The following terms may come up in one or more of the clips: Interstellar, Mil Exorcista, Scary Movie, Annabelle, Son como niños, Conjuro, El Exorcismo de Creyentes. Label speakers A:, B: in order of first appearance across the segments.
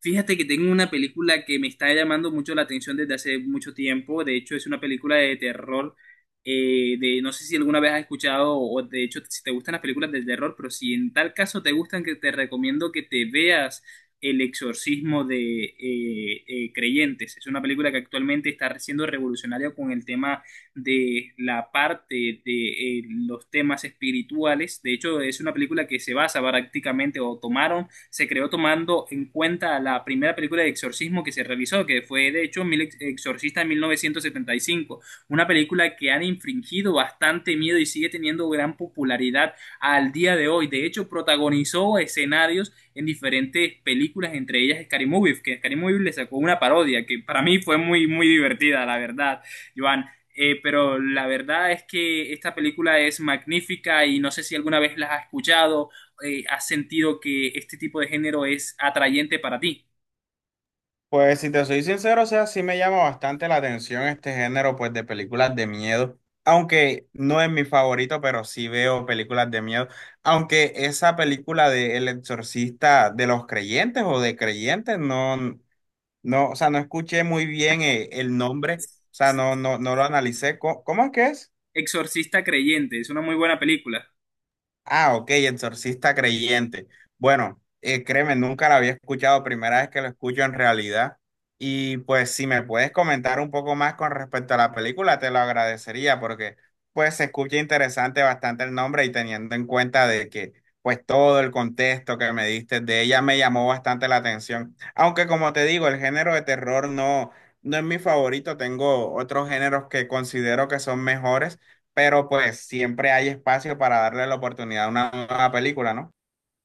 A: Fíjate que tengo una película que me está llamando mucho la atención desde hace mucho tiempo. De hecho, es una película de terror. No sé si alguna vez has escuchado, o de hecho, si te gustan las películas de terror, pero si en tal caso te gustan, que te recomiendo que te veas El Exorcismo de Creyentes. Es una película que actualmente está siendo revolucionaria con el tema de la parte de los temas espirituales. De hecho, es una película que se basa prácticamente o tomaron se creó tomando en cuenta la primera película de exorcismo que se realizó, que fue de hecho Mil Exorcista en 1975, una película que han infringido bastante miedo y sigue teniendo gran popularidad al día de hoy. De hecho, protagonizó escenarios en diferentes películas, entre ellas Scary Movie, que Scary Movie le sacó una parodia que para mí fue muy, muy divertida, la verdad, Joan. Pero la verdad es que esta película es magnífica y no sé si alguna vez la has escuchado has sentido que este tipo de género es atrayente para ti.
B: Pues si te soy sincero, o sea, sí me llama bastante la atención este género pues de películas de miedo, aunque no es mi favorito, pero sí veo películas de miedo, aunque esa película de El Exorcista de los creyentes o de creyentes no, o sea, no escuché muy bien el nombre, o sea, no lo analicé. ¿Cómo, es que es?
A: Exorcista Creyente, es una muy buena película.
B: Ah, ok, exorcista creyente. Bueno, créeme, nunca la había escuchado, primera vez que lo escucho en realidad. Y pues si me puedes comentar un poco más con respecto a la película, te lo agradecería porque pues se escucha interesante bastante el nombre y teniendo en cuenta de que pues todo el contexto que me diste de ella me llamó bastante la atención. Aunque como te digo, el género de terror no, no es mi favorito, tengo otros géneros que considero que son mejores, pero pues siempre hay espacio para darle la oportunidad a una nueva película, ¿no?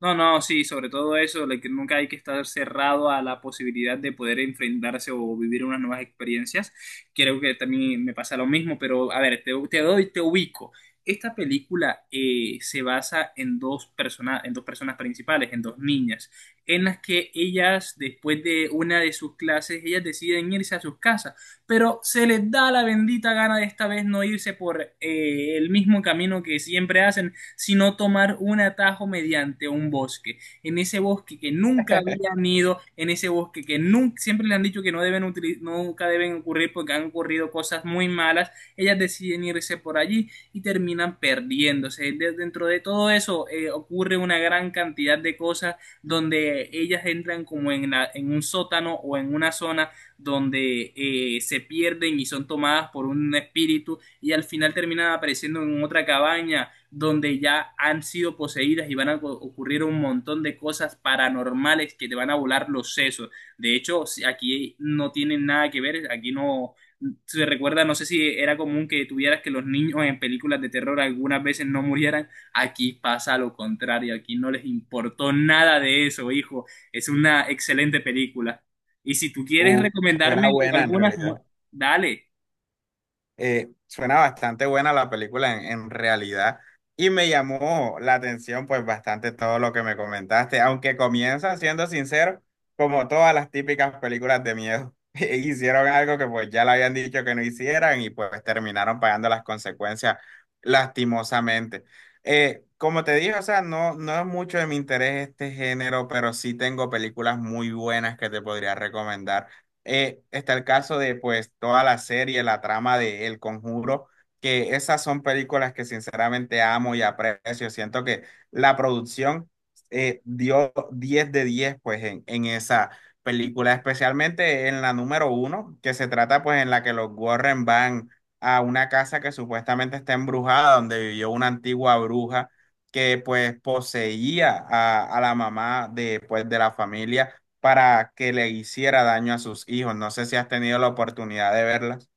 A: No, no, sí, sobre todo eso, de que nunca hay que estar cerrado a la posibilidad de poder enfrentarse o vivir unas nuevas experiencias. Creo que también me pasa lo mismo, pero a ver, te ubico. Esta película se basa en dos personas principales, en dos niñas, en las que ellas, después de una de sus clases, ellas deciden irse a sus casas, pero se les da la bendita gana de esta vez no irse por el mismo camino que siempre hacen sino tomar un atajo mediante un bosque. En ese bosque que nunca habían ido, en ese bosque que nunca, siempre le han dicho que no deben utili- nunca deben ocurrir porque han ocurrido cosas muy malas, ellas deciden irse por allí y terminan perdiéndose. De- dentro de todo eso ocurre una gran cantidad de cosas donde ellas entran como en, la- en un sótano o en una zona donde se pierden y son tomadas por un espíritu y al final terminan apareciendo en otra cabaña donde ya han sido poseídas y van a ocurrir un montón de cosas paranormales que te van a volar los sesos. De hecho, si aquí no tienen nada que ver, aquí no se recuerda, no sé si era común que tuvieras que los niños en películas de terror algunas veces no murieran, aquí pasa lo contrario, aquí no les importó nada de eso, hijo. Es una excelente película. Y si tú quieres
B: Uh, Suena
A: recomendarme
B: buena en
A: algunas, mu-
B: realidad.
A: dale.
B: Suena bastante buena la película en realidad y me llamó la atención pues bastante todo lo que me comentaste, aunque comienza, siendo sincero, como todas las típicas películas de miedo, hicieron algo que pues ya le habían dicho que no hicieran y pues terminaron pagando las consecuencias lastimosamente. Como te dije, o sea, no, no es mucho de mi interés este género, pero sí tengo películas muy buenas que te podría recomendar, está el caso de pues toda la serie, la trama de El Conjuro, que esas son películas que sinceramente amo y aprecio. Siento que la producción dio 10 de 10 pues en esa película, especialmente en la número uno, que se trata pues en la que los Warren van a una casa que supuestamente está embrujada, donde vivió una antigua bruja que pues poseía a la mamá de, pues, de la familia para que le hiciera daño a sus hijos. No sé si has tenido la oportunidad de verlas.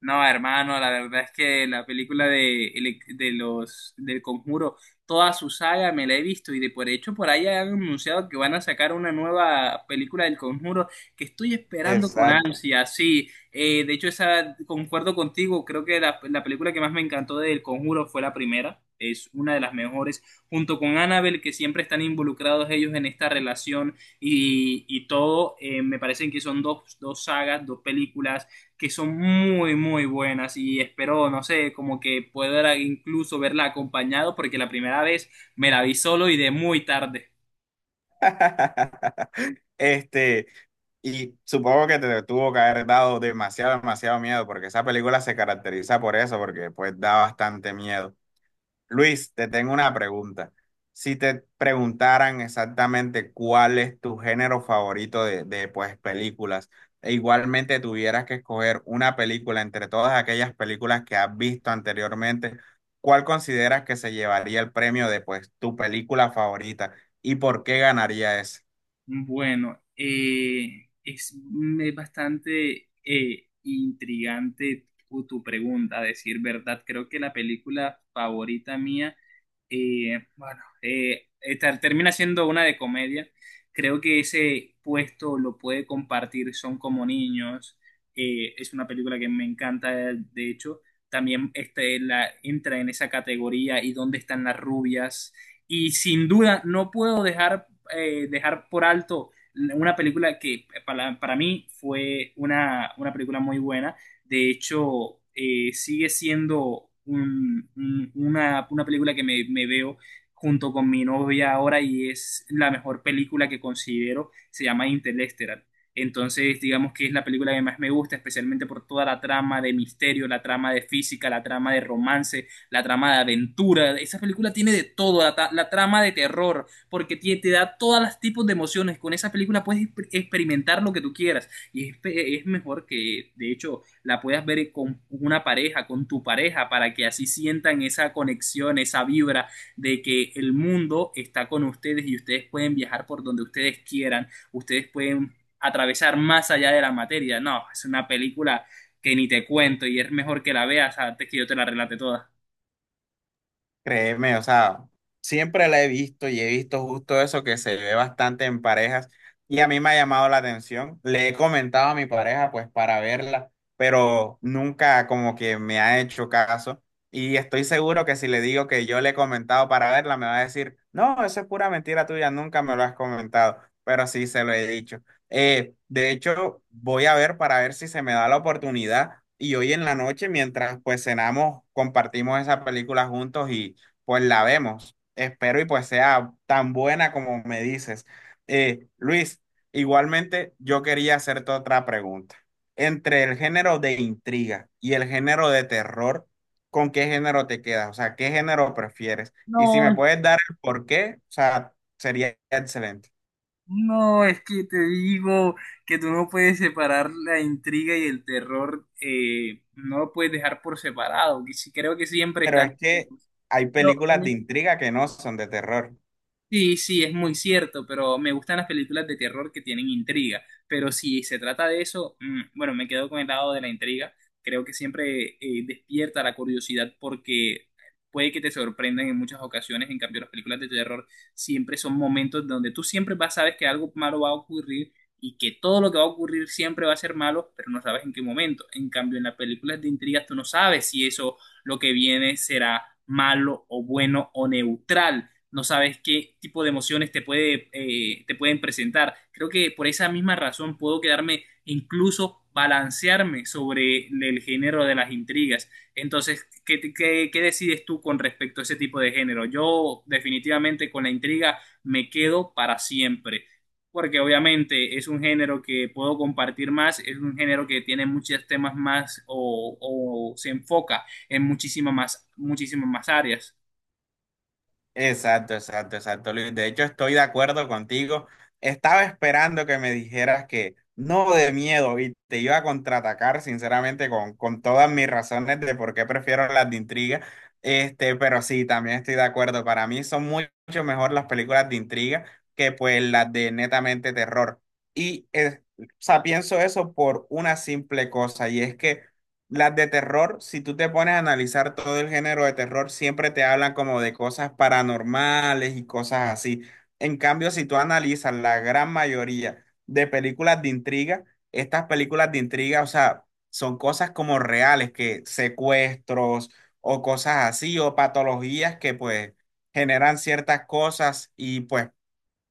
A: No, hermano, la verdad es que la película de, el- de los del Conjuro, toda su saga me la he visto y de por hecho por ahí han anunciado que van a sacar una nueva película del Conjuro que estoy esperando con
B: Exacto.
A: ansia, sí. De hecho, esa concuerdo contigo, creo que la película que más me encantó del Conjuro fue la primera, es una de las mejores, junto con Annabelle, que siempre están involucrados ellos en esta relación y todo, me parecen que son dos, dos sagas, dos películas que son muy, muy buenas y espero, no sé, como que pueda incluso verla acompañado porque la primera vez me la vi solo y de muy tarde.
B: Este, y supongo que te tuvo que haber dado demasiado miedo, porque esa película se caracteriza por eso, porque pues da bastante miedo. Luis, te tengo una pregunta. Si te preguntaran exactamente cuál es tu género favorito de, pues, películas, e igualmente tuvieras que escoger una película entre todas aquellas películas que has visto anteriormente, ¿cuál consideras que se llevaría el premio de, pues, tu película favorita y por qué ganaría esa?
A: Bueno, bastante intrigante tu pregunta, a decir verdad. Creo que la película favorita mía ter- termina siendo una de comedia. Creo que ese puesto lo puede compartir Son como niños. Es una película que me encanta, de hecho. También entra en esa categoría y dónde están las rubias. Y sin duda, no puedo dejar, dejar por alto una película que para mí fue una película muy buena de hecho, sigue siendo un- una película que me veo junto con mi novia ahora y es la mejor película que considero. Se llama Interstellar. Entonces, digamos que es la película que más me gusta, especialmente por toda la trama de misterio, la trama de física, la trama de romance, la trama de aventura. Esa película tiene de todo, ta- la trama de terror, porque tie- te, da todos los tipos de emociones. Con esa película puedes exper- experimentar lo que tú quieras. Y es, pe- es mejor que, de hecho, la puedas ver con una pareja, con tu pareja, para que así sientan esa conexión, esa vibra de que el mundo está con ustedes y ustedes pueden viajar por donde ustedes quieran, ustedes pueden atravesar más allá de la materia. No, es una película que ni te cuento y es mejor que la veas antes que yo te la relate toda.
B: Créeme, o sea, siempre la he visto y he visto justo eso que se ve bastante en parejas y a mí me ha llamado la atención. Le he comentado a mi pareja pues para verla, pero nunca como que me ha hecho caso y estoy seguro que si le digo que yo le he comentado para verla, me va a decir, no, eso es pura mentira tuya, nunca me lo has comentado, pero sí se lo he dicho. De hecho, voy a ver para ver si se me da la oportunidad. Y hoy en la noche, mientras pues cenamos, compartimos esa película juntos, pues la vemos. Espero y pues sea tan buena como me dices. Luis, igualmente yo quería hacerte otra pregunta. Entre el género de intriga y el género de terror, ¿con qué género te quedas? O sea, ¿qué género prefieres? Y si
A: No,
B: me puedes dar el por qué, o sea, sería excelente.
A: no, es que te digo que tú no puedes separar la intriga y el terror, no lo puedes dejar por separado, que sí- creo que siempre
B: Pero
A: están
B: es que hay películas de
A: juntos.
B: intriga que no son de terror.
A: Sí, sí, es muy cierto, pero me gustan las películas de terror que tienen intriga. Pero si se trata de eso, mm, bueno, me quedo con el lado de la intriga. Creo que siempre despierta la curiosidad porque puede que te sorprendan en muchas ocasiones. En cambio, las películas de terror siempre son momentos donde tú siempre vas, sabes que algo malo va a ocurrir y que todo lo que va a ocurrir siempre va a ser malo, pero no sabes en qué momento. En cambio, en las películas de intriga tú no sabes si eso, lo que viene, será malo o bueno o neutral no sabes qué tipo de emociones te puede, te pueden presentar. Creo que por esa misma razón puedo quedarme incluso balancearme sobre el género de las intrigas. Entonces, qué decides tú con respecto a ese tipo de género? Yo definitivamente con la intriga me quedo para siempre porque obviamente es un género que puedo compartir más, es un género que tiene muchos temas más o se enfoca en muchísimas más áreas.
B: Exacto, exacto, exacto, Luis. De hecho, estoy de acuerdo contigo. Estaba esperando que me dijeras que no de miedo y te iba a contraatacar, sinceramente, con todas mis razones de por qué prefiero las de intriga. Este, pero sí, también estoy de acuerdo. Para mí son muy- mucho mejor las películas de intriga que pues las de netamente terror. Y, o sea, pienso eso por una simple cosa y es que las de terror, si tú te pones a analizar todo el género de terror, siempre te hablan como de cosas paranormales y cosas así. En cambio, si tú analizas la gran mayoría de películas de intriga, estas películas de intriga, o sea, son cosas como reales, que secuestros o cosas así, o patologías que pues generan ciertas cosas y pues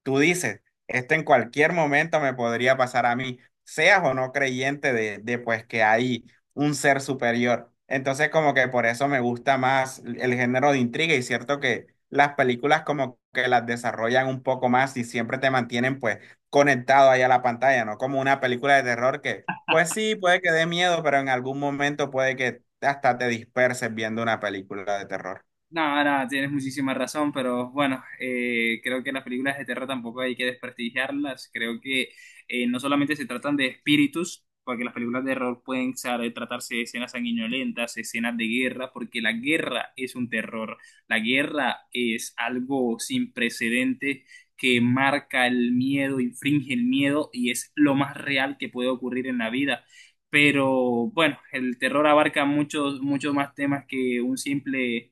B: tú dices, esto en cualquier momento me podría pasar a mí, seas o no creyente de pues que hay un ser superior. Entonces como que por eso me gusta más el género de intriga y cierto que las películas como que las desarrollan un poco más y siempre te mantienen pues conectado ahí a la pantalla, ¿no? Como una película de terror que pues sí, puede que dé miedo, pero en algún momento puede que hasta te disperses viendo una película de terror.
A: No, no, tienes muchísima razón, pero bueno, creo que las películas de terror tampoco hay que desprestigiarlas. Creo que no solamente se tratan de espíritus, porque las películas de terror pueden sa- tratarse de escenas sanguinolentas, escenas de guerra, porque la guerra es un terror. La guerra es algo sin precedente que marca el miedo, infringe el miedo y es lo más real que puede ocurrir en la vida. Pero bueno, el terror abarca muchos, muchos más temas que un simple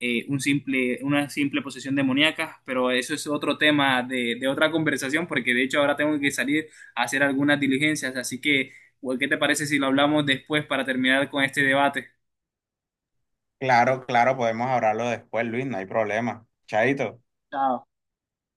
A: una simple posesión demoníaca, pero eso es otro tema de otra conversación, porque de hecho ahora tengo que salir a hacer algunas diligencias, así que, ¿qué te parece si lo hablamos después para terminar con este debate?
B: Claro, claro, podemos hablarlo después, Luis, no hay problema. Chaito.
A: Chao.